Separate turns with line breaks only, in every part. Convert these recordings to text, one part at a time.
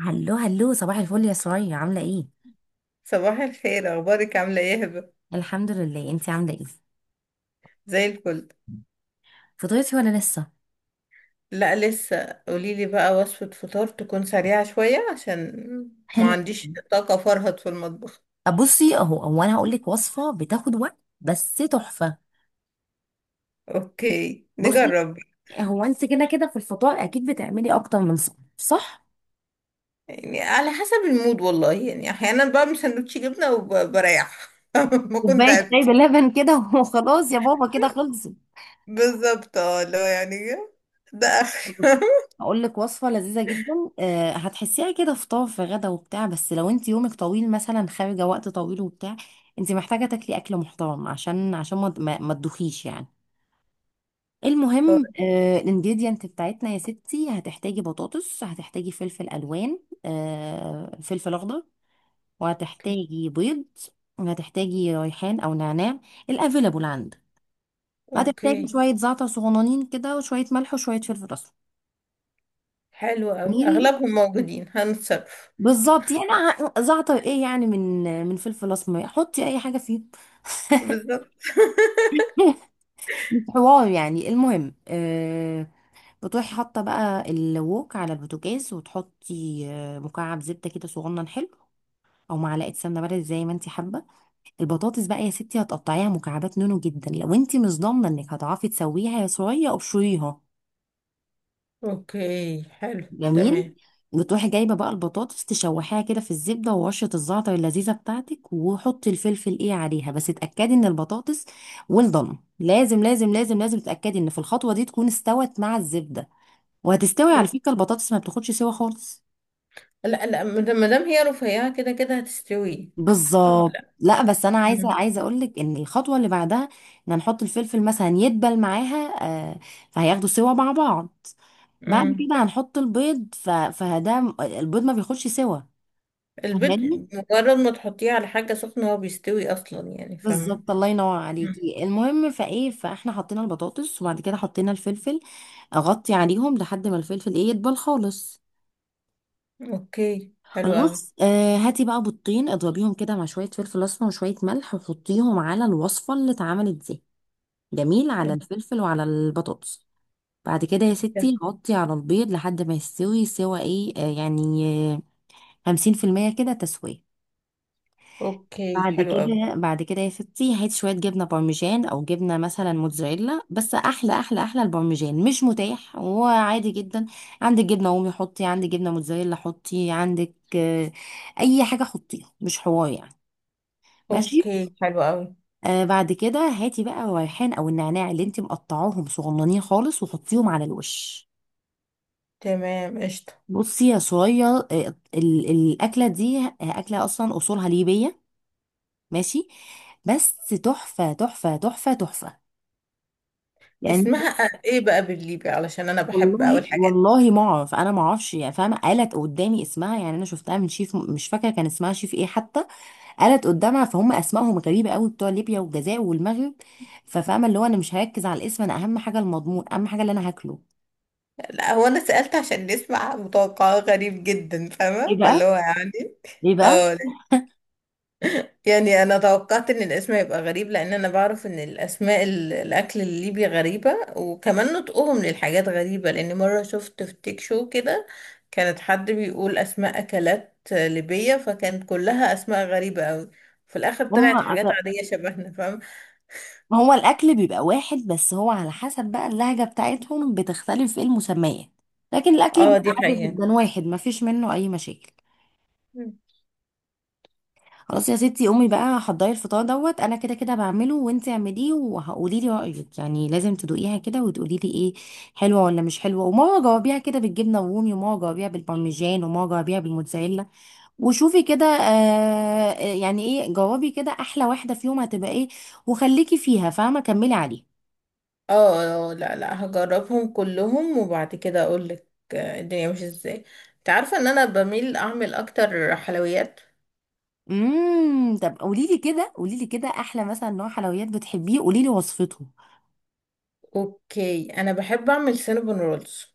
هلو هلو، صباح الفل يا سرايا. عامله ايه؟
صباح الخير، اخبارك؟ عامله ايه يا هبه؟
الحمد لله. انتي عامله ايه؟
زي الفل.
فطرتي ولا لسه؟
لا، لسه. قوليلي بقى وصفه فطار تكون سريعه شويه عشان ما
حلو.
عنديش طاقه فرهد في المطبخ.
بصي، اهو، انا هقول لك وصفه بتاخد وقت بس تحفه.
اوكي،
بصي،
نجرب.
هو انت كده كده في الفطار اكيد بتعملي اكتر من صح صح،
يعني على حسب المود والله، يعني احيانا بعمل سندوتش جبنه وبريح. ما كنت
كوبايه شاي
تعبت.
بلبن كده وخلاص يا بابا كده خلصت.
بالظبط، اه اللي هو يعني ده اخر.
هقول لك وصفه لذيذه جدا. أه، هتحسيها كده فطار في غدا وبتاع، بس لو انت يومك طويل مثلا، خارجه وقت طويل وبتاع، انت محتاجه تاكلي اكل محترم عشان ما تدوخيش يعني. المهم، الانجريدينت بتاعتنا يا ستي: هتحتاجي بطاطس، هتحتاجي فلفل الوان، فلفل اخضر،
اوكي،
وهتحتاجي بيض، وهتحتاجي ريحان او نعناع الافيلابل عندك، وهتحتاجي
اوكي،
شويه زعتر صغننين كده وشويه ملح وشويه فلفل اسمر.
حلو قوي.
جميل.
اغلبهم موجودين، هنتصرف.
بالظبط، يعني زعتر ايه يعني، من فلفل اسمر حطي اي حاجه فيه.
بالظبط.
مش حوار يعني. المهم، بتروحي حاطه بقى الوك على البوتاجاز، وتحطي مكعب زبده كده صغنن حلو، او معلقه سمنه بلدي زي ما انت حابه. البطاطس بقى يا ستي هتقطعيها مكعبات نونو جدا، لو انت مش ضامنه انك هتعرفي تسويها يا صويا ابشريها.
اوكي، حلو،
جميل.
تمام.
بتروحي جايبه بقى البطاطس تشوحيها كده في الزبده، ورشه الزعتر اللذيذه بتاعتك، وحطي الفلفل ايه عليها، بس اتاكدي ان البطاطس ويل دون. لازم لازم لازم لازم تتاكدي ان في الخطوه دي تكون استوت مع الزبده. وهتستوي على فكره، البطاطس ما بتاخدش سوا خالص.
لا، لا، مادام هي رفيعة كده كده هتستوي.
بالظبط.
لا.
لا بس انا عايزه
مم.
عايزه اقول لك ان الخطوه اللي بعدها ان هنحط الفلفل مثلا يدبل معاها. آه فهياخدوا سوا مع بعض. بعد
مم.
كده هنحط البيض، البيض ما بياخدش سوا،
البيض،
فاهماني؟
مجرد ما تحطيه على حاجة سخنة هو بيستوي أصلا، يعني فاهمة؟
بالظبط، الله ينور
مم.
عليكي. المهم فايه، فاحنا حطينا البطاطس وبعد كده حطينا الفلفل. اغطي عليهم لحد ما الفلفل ايه يدبل خالص.
أوكي، حلو أوي.
خلاص، هاتي بقى بيضتين اضربيهم كده مع شويه فلفل اسمر وشويه ملح، وحطيهم على الوصفه اللي اتعملت دي. جميل، على الفلفل وعلى البطاطس. بعد كده يا ستي
أوكي،
نغطي على البيض لحد ما يستوي سوا ايه، يعني 50% كده تسوية.
أوكي،
بعد
حلو أوي.
كده بعد كده يا ستي هات شوية جبنة بارميجان أو جبنة مثلا موتزاريلا، بس أحلى أحلى أحلى. البارميجان مش متاح وعادي جدا، عندك جبنة رومي حطي، عندك جبنة موتزاريلا حطي، عندك أي حاجة حطيها، مش حوار يعني. ماشي.
أوكي، حلو أوي.
بعد كده هاتي بقى الريحان أو النعناع اللي انت مقطعاهم صغننين خالص وحطيهم على الوش.
تمام، قشطة.
بصي يا صويا، الاكله دي، اكله اصلا اصولها ليبيه، ماشي؟ بس تحفه تحفه تحفه تحفه يعني.
اسمها ايه بقى بالليبي؟ علشان انا بحب اوي
والله
الحاجات دي.
والله ما اعرف، انا ما اعرفش يعني، فاهمه؟ قالت قدامي اسمها، يعني انا شفتها من شيف مش فاكره كان اسمها شيف ايه حتى، قالت قدامها، فهم اسمائهم غريبه قوي بتوع ليبيا والجزائر والمغرب. ففاهمه اللي هو انا مش هركز على الاسم، انا اهم حاجه المضمون، اهم حاجه اللي انا هاكله.
لا، هو انا سألت عشان نسمع متوقعات. غريب جدا،
ايه
فاهمة؟ فاللي
بقى؟
هو يعني،
ايه بقى؟
اه. يعني انا توقعت ان الاسم هيبقى غريب، لان انا بعرف ان الاسماء الاكل الليبي غريبة، وكمان نطقهم للحاجات غريبة. لان مرة شفت في تيك شو كده، كانت حد بيقول اسماء اكلات ليبية، فكانت كلها اسماء غريبة قوي. في الاخر
هم.
طلعت حاجات عادية شبهنا، فاهم؟
ما هو الأكل بيبقى واحد، بس هو على حسب بقى اللهجة بتاعتهم بتختلف في المسميات، لكن الأكل
اه،
بيبقى
دي
عادي
حقيقة.
جدا واحد ما فيش منه أي مشاكل.
مم.
خلاص يا ستي قومي بقى حضري الفطار دوت، أنا كده كده بعمله وانتي اعمليه وهقولي لي رأيك، يعني لازم تدوقيها كده وتقولي لي ايه، حلوة ولا مش حلوة، وماما جاوبيها كده بالجبنة الرومي، وماما جاوبيها بالبارميجان، وماما جاوبيها بالموتزاريلا. وشوفي كده، يعني ايه، جاوبي كده أحلى واحدة فيهم هتبقى ايه، وخليكي فيها فاهمة، كملي عليها.
اه، لا، لا، هجربهم كلهم وبعد كده اقول لك. الدنيا مش ازاي؟ انت عارفة ان انا بميل اعمل اكتر حلويات.
امم، طب قولي لي كده، قولي لي كده احلى مثلا نوع حلويات بتحبيه، قولي لي وصفته.
اوكي، انا بحب اعمل سينابون رولز.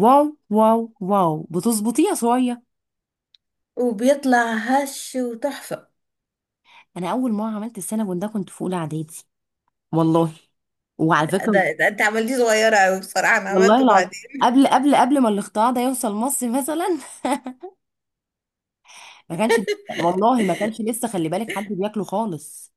واو واو واو، بتظبطيه يا صويا؟
وبيطلع هش وتحفة.
انا اول مره عملت السينابون ده كنت في اولى اعدادي، والله. وعلى
ده, ده,
فكره،
ده انت عملتيه صغيرة اوي بصراحة، انا
والله
عملته
العظيم،
بعدين.
قبل قبل قبل ما الاختراع ده يوصل مصر مثلا ما كانش، والله ما كانش لسه خلي بالك حد بياكله خالص.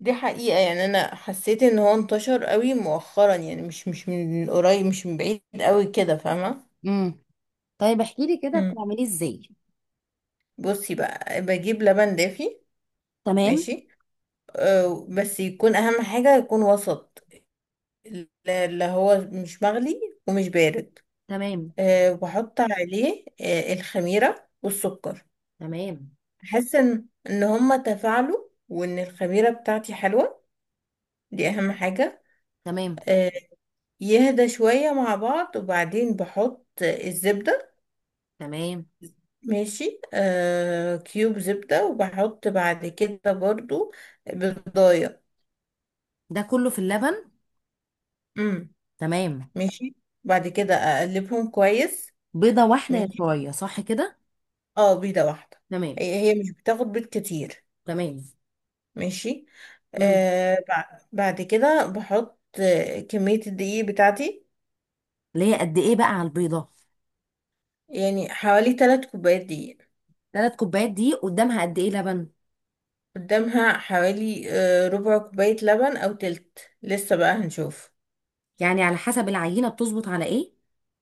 دي حقيقة، يعني انا حسيت ان هو انتشر اوي مؤخرا، يعني مش من قريب مش من بعيد اوي كده، فاهمة؟
امم. طيب احكي لي كده
مم.
بتعمليه ازاي.
بصي بقى، بجيب لبن دافي.
تمام.
ماشي. بس يكون اهم حاجة يكون وسط. لا، لا، هو مش مغلي. ومش بارد.
تمام.
بحط عليه الخميرة والسكر.
تمام.
احس ان هما تفاعلوا وان الخميرة بتاعتي حلوة. دي اهم حاجة.
تمام.
آه، يهدى شوية مع بعض، وبعدين بحط الزبدة.
تمام.
ماشي. كيوب زبدة، وبحط بعد كده برضو بيضاية.
ده كله في اللبن؟
امم.
تمام.
ماشي. بعد كده اقلبهم كويس.
بيضة واحدة يا
ماشي.
شوية، صح كده؟
اه، بيضة واحدة.
تمام.
هي مش بتاخد بيض كتير.
تمام.
ماشي.
امم.
بعد كده بحط كمية الدقيق بتاعتي.
اللي هي قد ايه بقى على البيضة؟
يعني حوالي 3 كوبايات دقيق.
3 كوبايات، دي قدامها قد ايه لبن؟
قدامها حوالي ربع كوباية لبن أو تلت، لسه بقى هنشوف.
يعني على حسب العينة، بتظبط على ايه؟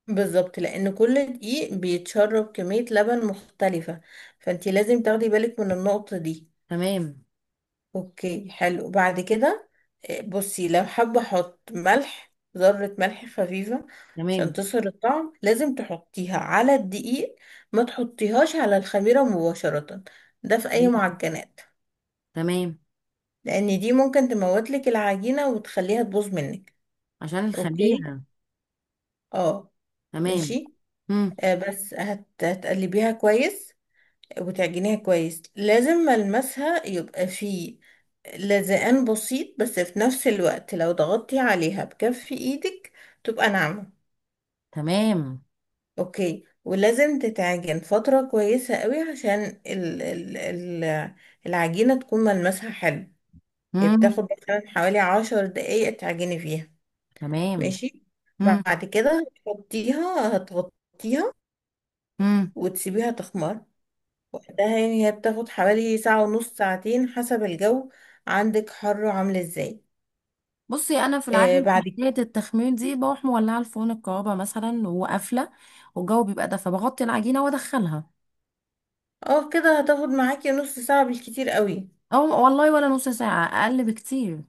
بالظبط، لأن كل دقيق بيتشرب كمية لبن مختلفة. فانتي لازم تاخدي بالك من النقطة دي.
تمام.
اوكي حلو. بعد كده بصي، لو حابة احط ملح ذرة، ملح خفيفة. عشان
تمام.
تصهر الطعم لازم تحطيها على الدقيق. ما تحطيهاش على الخميرة مباشرة. ده في أي
مم.
معجنات.
تمام.
لان دي ممكن تموتلك العجينة وتخليها تبوظ منك.
عشان
اوكي.
الخميرة.
اه.
تمام.
ماشي.
امم.
بس هتقلبيها كويس. وتعجنيها كويس، لازم ملمسها يبقى فيه لزقان بسيط، بس في نفس الوقت لو ضغطتي عليها بكف ايدك تبقى ناعمة.
تمام.
اوكي، ولازم تتعجن فترة كويسة قوي عشان ال... ال... ال... العجينة تكون ملمسها حلو. هي
امم.
بتاخد مثلا حوالي 10 دقايق تعجني فيها.
تمام.
ماشي.
امم.
بعد كده هتحطيها، هتغطيها،
امم.
وتسيبيها تخمر. وقتها يعني هي بتاخد حوالي ساعة ونص، ساعتين، حسب الجو. عندك حر عاملة ازاي؟
بصي انا في العاده في
بعد كده
حكايه التخمير دي، بروح مولعه الفرن الكهرباء مثلا وقافله، والجو بيبقى ده، فبغطي العجينه وادخلها.
اه كده هتاخد معاكي نص ساعة بالكتير قوي.
او والله ولا نص ساعه، اقل بكتير.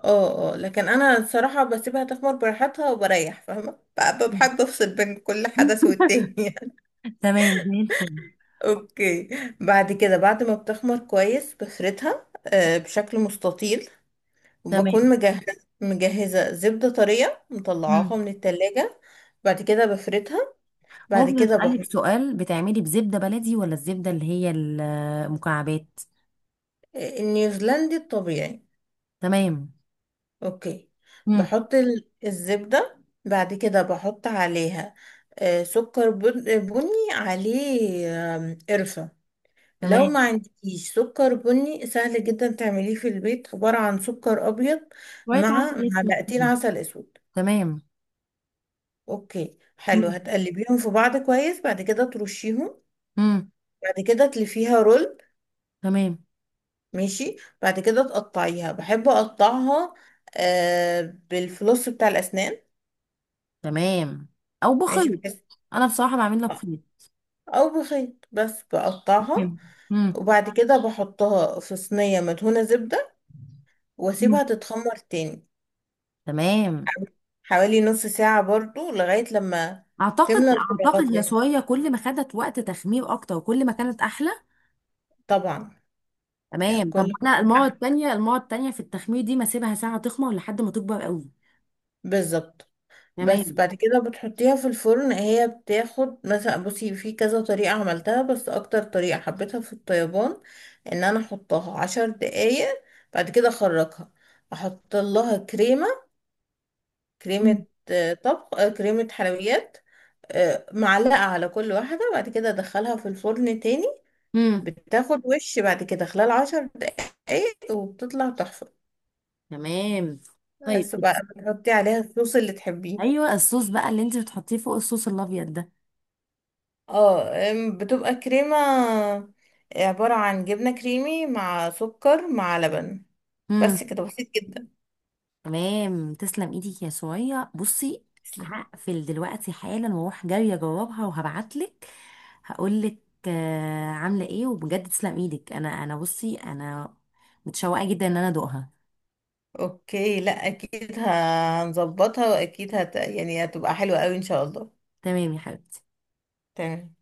اه، اه، لكن انا الصراحة بسيبها تخمر براحتها وبريح، فاهمة؟ بحب افصل بين كل حدث والتاني.
تمام زي الفل.
اوكي. بعد كده، بعد ما بتخمر كويس، بفردها بشكل مستطيل،
تمام.
وبكون مجهزة. مجهزة زبدة طرية
مم.
مطلعاها من التلاجة. بعد كده بفردها. بعد
ممكن
كده
أسألك
بحط
سؤال؟ بتعملي بزبدة بلدي ولا الزبدة اللي هي المكعبات؟
النيوزيلندي الطبيعي.
تمام.
اوكي.
مم.
بحط الزبدة. بعد كده بحط عليها سكر بني عليه، قرفة. لو
تمام.
ما عندكيش سكر بني سهل جدا تعمليه في البيت، عبارة عن سكر أبيض
شوية
مع
عسل أسود
معلقتين
كده.
عسل أسود.
تمام.
اوكي حلو.
مم.
هتقلبيهم في بعض كويس، بعد كده ترشيهم.
مم.
بعد كده تلفيها رول.
تمام.
ماشي. بعد كده تقطعيها، بحب اقطعها آه بالفلوس بتاع الاسنان.
تمام. أو
ماشي
بخيط.
بحيث،
أنا بصراحة بعملها
آه،
بخيط.
او بخيط، بس بقطعها.
تمام. مم.
وبعد كده بحطها في صينية مدهونة زبدة،
مم.
واسيبها تتخمر تاني
تمام.
حوالي نص ساعة برضو، لغاية لما
أعتقد،
تملى
أعتقد
الفراغات
يا
منها.
صويا كل ما خدت وقت تخمير أكتر وكل ما كانت أحلى.
طبعا، يعني
تمام. طب
كل
أنا المرة التانية في التخمير دي ما أسيبها ساعة تخمر لحد ما تكبر قوي.
بالظبط. بس
تمام.
بعد كده بتحطيها في الفرن، هي بتاخد مثلا، بصي، في كذا طريقة عملتها بس أكتر طريقة حبيتها في الطيبان، إن أنا أحطها 10 دقايق، بعد كده أخرجها، أحط لها كريمة. كريمة طبخ، كريمة حلويات، معلقة على كل واحدة، بعد كده أدخلها في الفرن تاني.
امم.
بتاخد وش بعد كده خلال 10 دقايق، وبتطلع تحفة.
تمام. طيب
بس
بص.
بقى بتحطي عليها الصوص اللي تحبيه.
ايوه الصوص بقى اللي انت بتحطيه فوق الصوص الابيض ده.
اه، بتبقى كريمة عبارة عن جبنة كريمي مع سكر مع لبن. بس
امم.
كده، بسيط جدا.
تمام، تسلم ايدك يا سوريا. بصي،
تسلم.
هقفل دلوقتي حالا واروح جايه اجربها، وهبعتلك هقولك عامله ايه، وبجد تسلم ايدك. انا بصي، انا متشوقه جدا ان انا ادوقها.
اوكي. لا، اكيد هنظبطها، واكيد يعني هتبقى حلوة قوي ان شاء الله.
تمام يا حبيبتي.
تمام.